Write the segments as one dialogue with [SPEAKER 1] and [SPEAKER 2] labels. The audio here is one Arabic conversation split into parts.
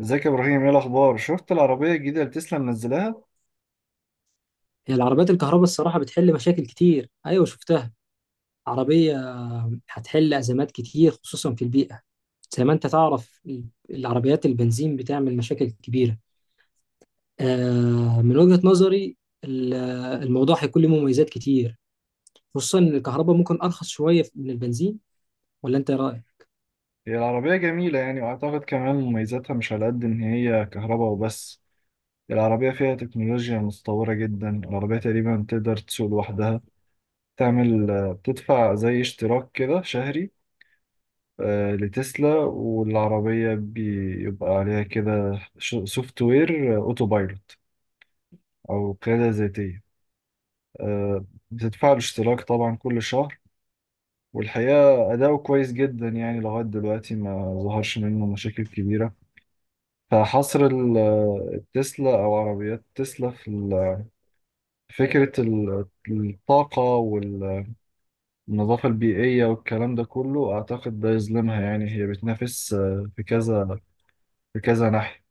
[SPEAKER 1] ازيك يا ابراهيم؟ ايه الاخبار؟ شفت العربيه الجديده اللي تسلا منزلاها؟
[SPEAKER 2] هي العربيات الكهرباء الصراحة بتحل مشاكل كتير، أيوة شفتها. عربية هتحل أزمات كتير خصوصا في البيئة. زي ما أنت تعرف العربيات البنزين بتعمل مشاكل كبيرة. من وجهة نظري ال- الموضوع هيكون له مميزات كتير، خصوصا إن الكهرباء ممكن أرخص شوية من البنزين. ولا أنت إيه رأيك؟
[SPEAKER 1] هي العربيه جميله يعني، واعتقد كمان مميزاتها مش على قد ان هي كهرباء وبس. العربيه فيها تكنولوجيا متطوره جدا، العربيه تقريبا تقدر تسوق لوحدها. تعمل بتدفع زي اشتراك كده شهري لتسلا، والعربيه بيبقى عليها كده سوفت وير اوتو بايلوت او قياده ذاتيه. آه، بتدفع له اشتراك طبعا كل شهر، والحقيقة أداؤه كويس جدا يعني، لغاية دلوقتي ما ظهرش منه مشاكل كبيرة. فحصر ال- التسلا أو عربيات تسلا في فكرة الطاقة والنظافة البيئية والكلام ده كله، أعتقد ده يظلمها، يعني هي بتنافس في كذا ناحية.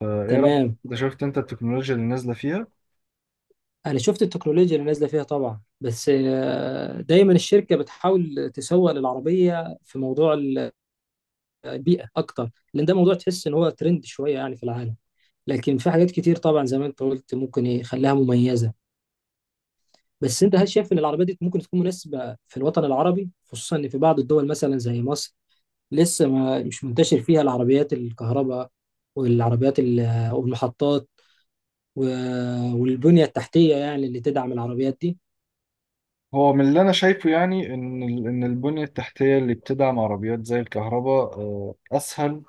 [SPEAKER 1] فإيه رأيك؟
[SPEAKER 2] تمام.
[SPEAKER 1] أنت شفت أنت التكنولوجيا اللي نازلة فيها؟
[SPEAKER 2] أنا شفت التكنولوجيا اللي نازلة فيها طبعا، بس دايما الشركة بتحاول تسوق للعربية في موضوع البيئة أكتر، لأن ده موضوع تحس إن هو ترند شوية يعني في العالم. لكن في حاجات كتير طبعا زي ما انت قلت ممكن يخليها مميزه. بس انت هل شايف ان العربيه دي ممكن تكون مناسبه في الوطن العربي، خصوصا ان في بعض الدول مثلا زي مصر لسه ما مش منتشر فيها العربيات الكهرباء والعربيات والمحطات والبنيه التحتيه يعني اللي تدعم العربيات دي؟
[SPEAKER 1] هو من اللي أنا شايفه يعني، إن البنية التحتية اللي بتدعم عربيات زي الكهرباء أسهل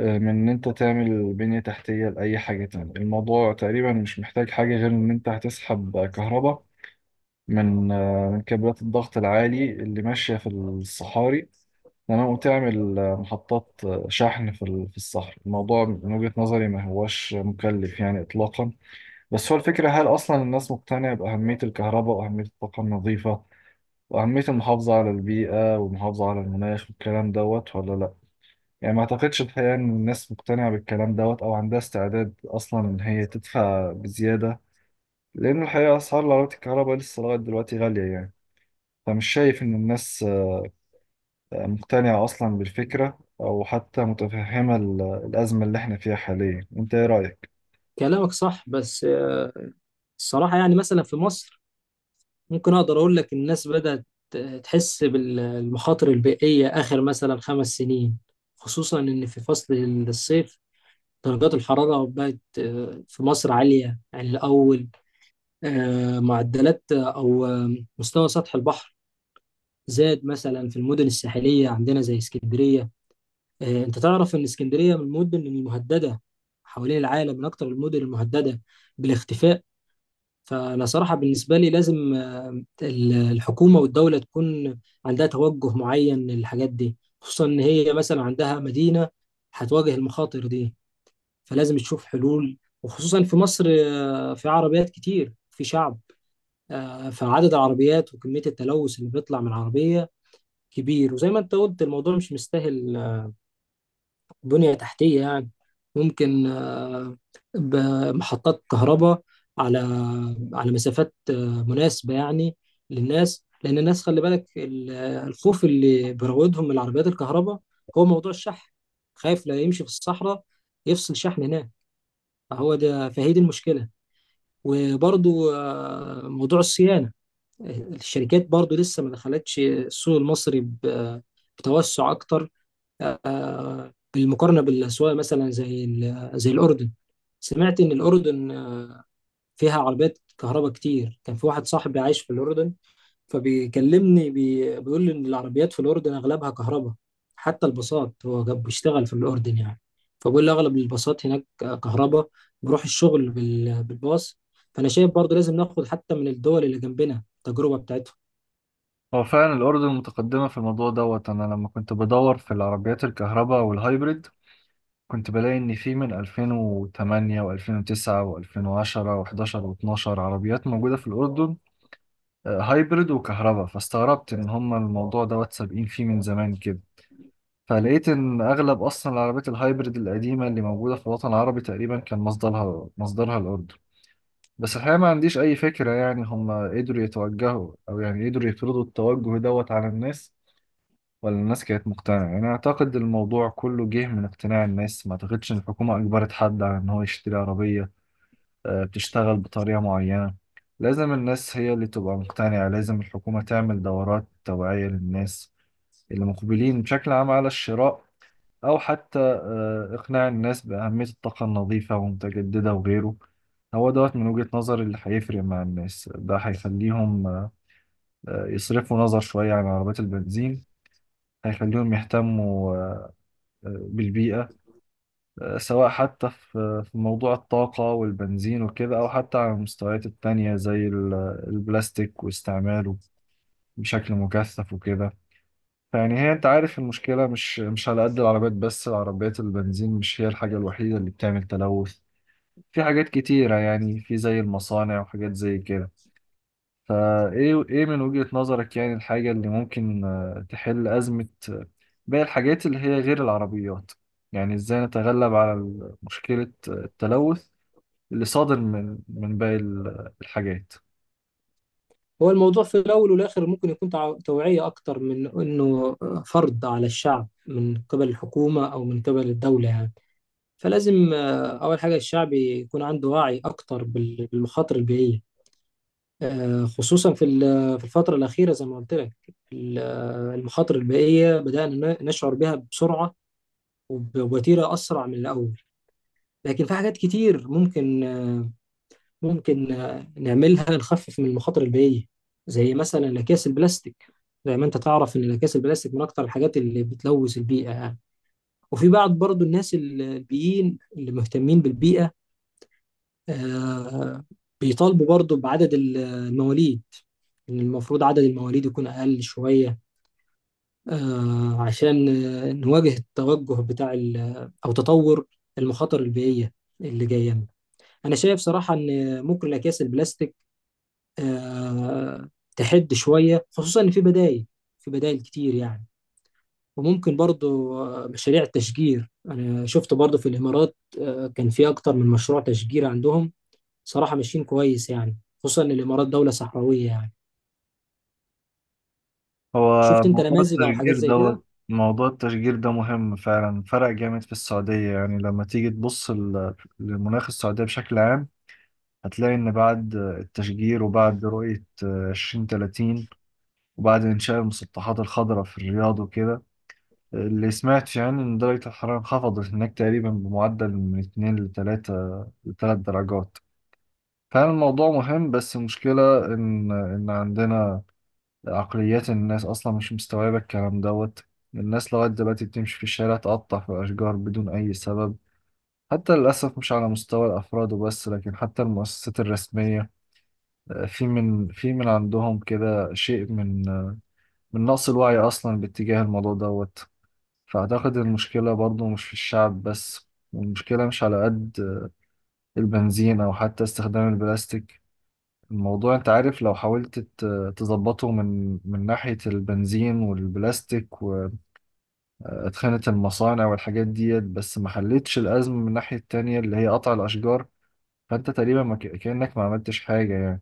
[SPEAKER 1] من ان انت تعمل بنية تحتية لأي حاجة تانية. الموضوع تقريبا مش محتاج حاجة غير ان انت هتسحب كهرباء من من كابلات الضغط العالي اللي ماشية في الصحاري، تمام، وتعمل محطات شحن في الصحراء. الموضوع من وجهة نظري ما هوش مكلف يعني إطلاقا. بس هو الفكرة، هل أصلا الناس مقتنعة بأهمية الكهرباء وأهمية الطاقة النظيفة وأهمية المحافظة على البيئة والمحافظة على المناخ والكلام دوت ولا لأ؟ يعني ما اعتقدش الحقيقة ان الناس مقتنعة بالكلام دوت، او عندها استعداد اصلا ان هي تدفع بزيادة، لان الحقيقة اسعار العربيات الكهرباء لسه لغاية دلوقتي غالية يعني. فمش شايف ان الناس مقتنعة اصلا بالفكرة، او حتى متفهمة الازمة اللي احنا فيها حاليا. انت ايه رأيك؟
[SPEAKER 2] كلامك صح، بس الصراحه يعني مثلا في مصر ممكن اقدر اقول لك الناس بدات تحس بالمخاطر البيئيه اخر مثلا 5 سنين، خصوصا ان في فصل الصيف درجات الحرارة بقت في مصر عالية عن الأول. معدلات أو مستوى سطح البحر زاد مثلا في المدن الساحلية عندنا زي اسكندرية. أنت تعرف إن اسكندرية من المدن المهددة حوالين العالم، من أكثر المدن المهددة بالاختفاء. فأنا صراحة بالنسبة لي لازم الحكومة والدولة تكون عندها توجه معين للحاجات دي، خصوصا إن هي مثلا عندها مدينة هتواجه المخاطر دي، فلازم تشوف حلول. وخصوصا في مصر في عربيات كتير، في شعب، فعدد العربيات وكمية التلوث اللي بيطلع من العربية كبير. وزي ما انت قلت الموضوع مش مستاهل بنية تحتية يعني، ممكن بمحطات كهرباء على مسافات مناسبة يعني للناس. لأن الناس خلي بالك الخوف اللي بيراودهم من العربيات الكهرباء هو موضوع الشحن، خايف لا يمشي في الصحراء يفصل شحن هناك. فهو ده فهي دي المشكلة. وبرضو موضوع الصيانة، الشركات برضو لسه ما دخلتش السوق المصري بتوسع أكتر، بالمقارنة بالأسواق مثلا زي الأردن. سمعت إن الأردن فيها عربيات كهرباء كتير. كان في واحد صاحبي عايش في الأردن، فبيكلمني بيقول لي ان العربيات في الاردن اغلبها كهرباء. حتى الباصات، هو بيشتغل في الاردن يعني، فبيقول لي اغلب الباصات هناك كهرباء، بروح الشغل بالباص. فانا شايف برضو لازم ناخد حتى من الدول اللي جنبنا التجربه بتاعتهم.
[SPEAKER 1] هو فعلا الأردن متقدمة في الموضوع دوت. أنا لما كنت بدور في العربيات الكهرباء والهايبريد، كنت بلاقي إن في من 2008 و2009 و2010 و11 و12 عربيات موجودة في الأردن، هايبرد وكهرباء. فاستغربت ان هما الموضوع دوت سابقين فيه من زمان كده. فلقيت ان اغلب اصلا العربيات الهايبرد القديمه اللي موجوده في الوطن العربي تقريبا كان مصدرها الاردن. بس الحقيقه ما عنديش اي فكره يعني، هما قدروا يتوجهوا، او يعني قدروا يفرضوا التوجه دوت على الناس، ولا الناس كانت مقتنعه؟ يعني اعتقد الموضوع كله جه من اقتناع الناس. ما اعتقدش ان الحكومه اجبرت حد على ان هو يشتري عربيه بتشتغل بطريقة معينة. لازم الناس هي اللي تبقى مقتنعة، لازم الحكومة تعمل دورات توعية للناس اللي مقبلين بشكل عام على الشراء، أو حتى إقناع الناس بأهمية الطاقة النظيفة ومتجددة وغيره. هو دوت من وجهة نظري اللي هيفرق مع الناس، ده هيخليهم يصرفوا نظر شوية عن عربيات البنزين، هيخليهم يهتموا بالبيئة، سواء حتى في موضوع الطاقة والبنزين وكده، أو حتى على المستويات التانية زي البلاستيك واستعماله بشكل مكثف وكده. فيعني هي أنت عارف المشكلة مش على قد العربيات بس، العربيات البنزين مش هي الحاجة الوحيدة اللي بتعمل تلوث، في حاجات كتيرة يعني، في زي المصانع وحاجات زي كده. فإيه إيه إيه من وجهة نظرك يعني الحاجة اللي ممكن تحل أزمة باقي الحاجات اللي هي غير العربيات؟ يعني إزاي نتغلب على مشكلة التلوث اللي صادر من باقي الحاجات؟
[SPEAKER 2] هو الموضوع في الاول والاخر ممكن يكون توعيه اكتر من انه فرض على الشعب من قبل الحكومه او من قبل الدوله يعني. فلازم اول حاجه الشعب يكون عنده وعي اكتر بالمخاطر البيئيه. خصوصا في الفترة الأخيرة، زي ما قلت لك المخاطر البيئية بدأنا نشعر بها بسرعة، وبوتيرة أسرع من الأول. لكن في حاجات كتير ممكن نعملها نخفف من المخاطر البيئية، زي مثلا الأكياس البلاستيك. زي ما أنت تعرف إن الأكياس البلاستيك من أكتر الحاجات اللي بتلوث البيئة يعني. وفي بعض برضو الناس البيئيين اللي مهتمين بالبيئة آه، بيطالبوا برضو بعدد المواليد، إن المفروض عدد المواليد يكون أقل شوية، عشان نواجه التوجه بتاع أو تطور المخاطر البيئية اللي جاية لنا. أنا شايف صراحة إن ممكن الأكياس البلاستيك آه، تحد شوية، خصوصا إن في بدايل كتير يعني. وممكن برضو مشاريع التشجير، أنا شفت برضو في الإمارات كان في أكتر من مشروع تشجير عندهم، صراحة ماشيين كويس يعني، خصوصا إن الإمارات دولة صحراوية يعني.
[SPEAKER 1] هو
[SPEAKER 2] شفت أنت
[SPEAKER 1] موضوع
[SPEAKER 2] نماذج أو حاجات
[SPEAKER 1] التشجير
[SPEAKER 2] زي كده؟
[SPEAKER 1] دوت، موضوع التشجير ده مهم فعلا، فرق جامد في السعودية. يعني لما تيجي تبص للمناخ السعودية بشكل عام، هتلاقي إن بعد التشجير وبعد رؤية 2030 وبعد إنشاء المسطحات الخضراء في الرياض وكده، اللي سمعت يعني إن درجة الحرارة انخفضت هناك تقريبا بمعدل من 2 ل 3 درجات. فعلا الموضوع مهم، بس المشكلة إن عندنا عقليات الناس أصلا مش مستوعبة الكلام دوت. الناس لغاية دلوقتي بتمشي في الشارع تقطع في الأشجار بدون أي سبب، حتى للأسف مش على مستوى الأفراد وبس، لكن حتى المؤسسات الرسمية في من عندهم كده شيء من من نقص الوعي أصلا باتجاه الموضوع دوت. فأعتقد المشكلة برضو مش في الشعب بس، والمشكلة مش على قد البنزين أو حتى استخدام البلاستيك. الموضوع أنت عارف، لو حاولت تظبطه من ناحية البنزين والبلاستيك، اتخانت المصانع والحاجات ديت، بس ما حلتش الأزمة من الناحية التانية اللي هي قطع الأشجار. فأنت تقريبا ما كأنك ما عملتش حاجة يعني.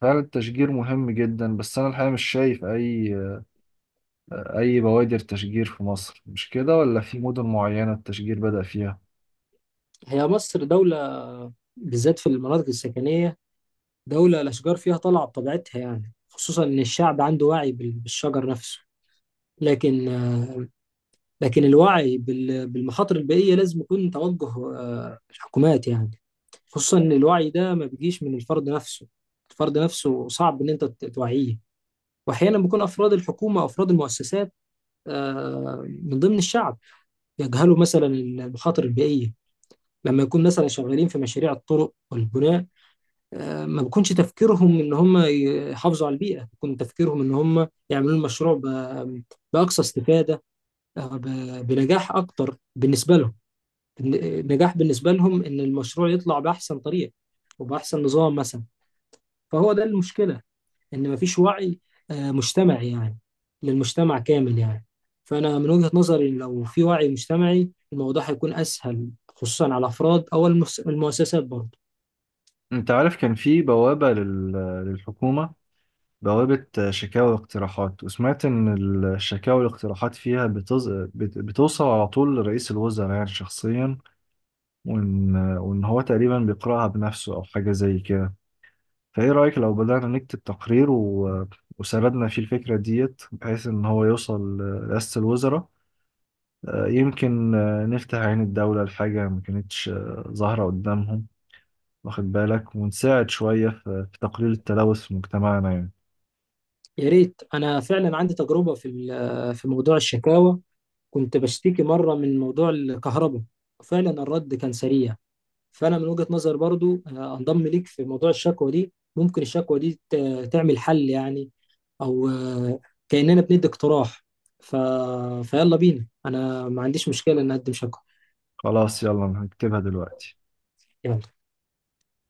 [SPEAKER 1] فعلا التشجير مهم جدا، بس أنا الحقيقة مش شايف أي بوادر تشجير في مصر. مش كده؟ ولا في مدن معينة التشجير بدأ فيها؟
[SPEAKER 2] هي مصر دولة، بالذات في المناطق السكنية، دولة الأشجار فيها طالعة بطبيعتها يعني، خصوصا إن الشعب عنده وعي بالشجر نفسه. لكن لكن الوعي بالمخاطر البيئية لازم يكون توجه الحكومات يعني، خصوصا إن الوعي ده ما بيجيش من الفرد نفسه، الفرد نفسه صعب إن أنت توعيه. وأحيانا بيكون أفراد الحكومة أفراد المؤسسات من ضمن الشعب يجهلوا مثلا المخاطر البيئية، لما يكون مثلا شغالين في مشاريع الطرق والبناء ما بيكونش تفكيرهم ان هم يحافظوا على البيئه، بيكون تفكيرهم ان هم يعملوا المشروع باقصى استفاده، بنجاح اكتر بالنسبه لهم. النجاح بالنسبه لهم ان المشروع يطلع باحسن طريقه وباحسن نظام مثلا. فهو ده المشكله، ان مفيش وعي مجتمعي يعني، للمجتمع كامل يعني. فانا من وجهه نظري لو في وعي مجتمعي الموضوع هيكون اسهل، خصوصا على الافراد او المؤسسات برضه.
[SPEAKER 1] أنت عارف كان في للحكومة، بوابة شكاوى واقتراحات، وسمعت إن الشكاوى والاقتراحات فيها بتوصل على طول لرئيس الوزراء يعني شخصيا، وإن هو تقريبا بيقرأها بنفسه أو حاجة زي كده. فإيه رأيك لو بدأنا نكتب تقرير وسردنا فيه الفكرة ديت، بحيث إن هو يوصل لرئاسة الوزراء، يمكن نفتح عين الدولة لحاجة ما كانتش ظاهرة قدامهم، واخد بالك، ونساعد شوية في تقليل التلوث في مجتمعنا يعني.
[SPEAKER 2] يا ريت. انا فعلا عندي تجربه في موضوع الشكاوى، كنت بشتكي مره من موضوع الكهرباء، فعلا الرد كان سريع. فانا من وجهه نظر برضو انضم ليك في موضوع الشكوى دي، ممكن الشكوى دي تعمل حل يعني، او كاننا بندي اقتراح. ف... فيلا بينا، انا ما عنديش مشكله ان اقدم شكوى.
[SPEAKER 1] خلاص، يلا، أنا هكتبها دلوقتي.
[SPEAKER 2] يلا.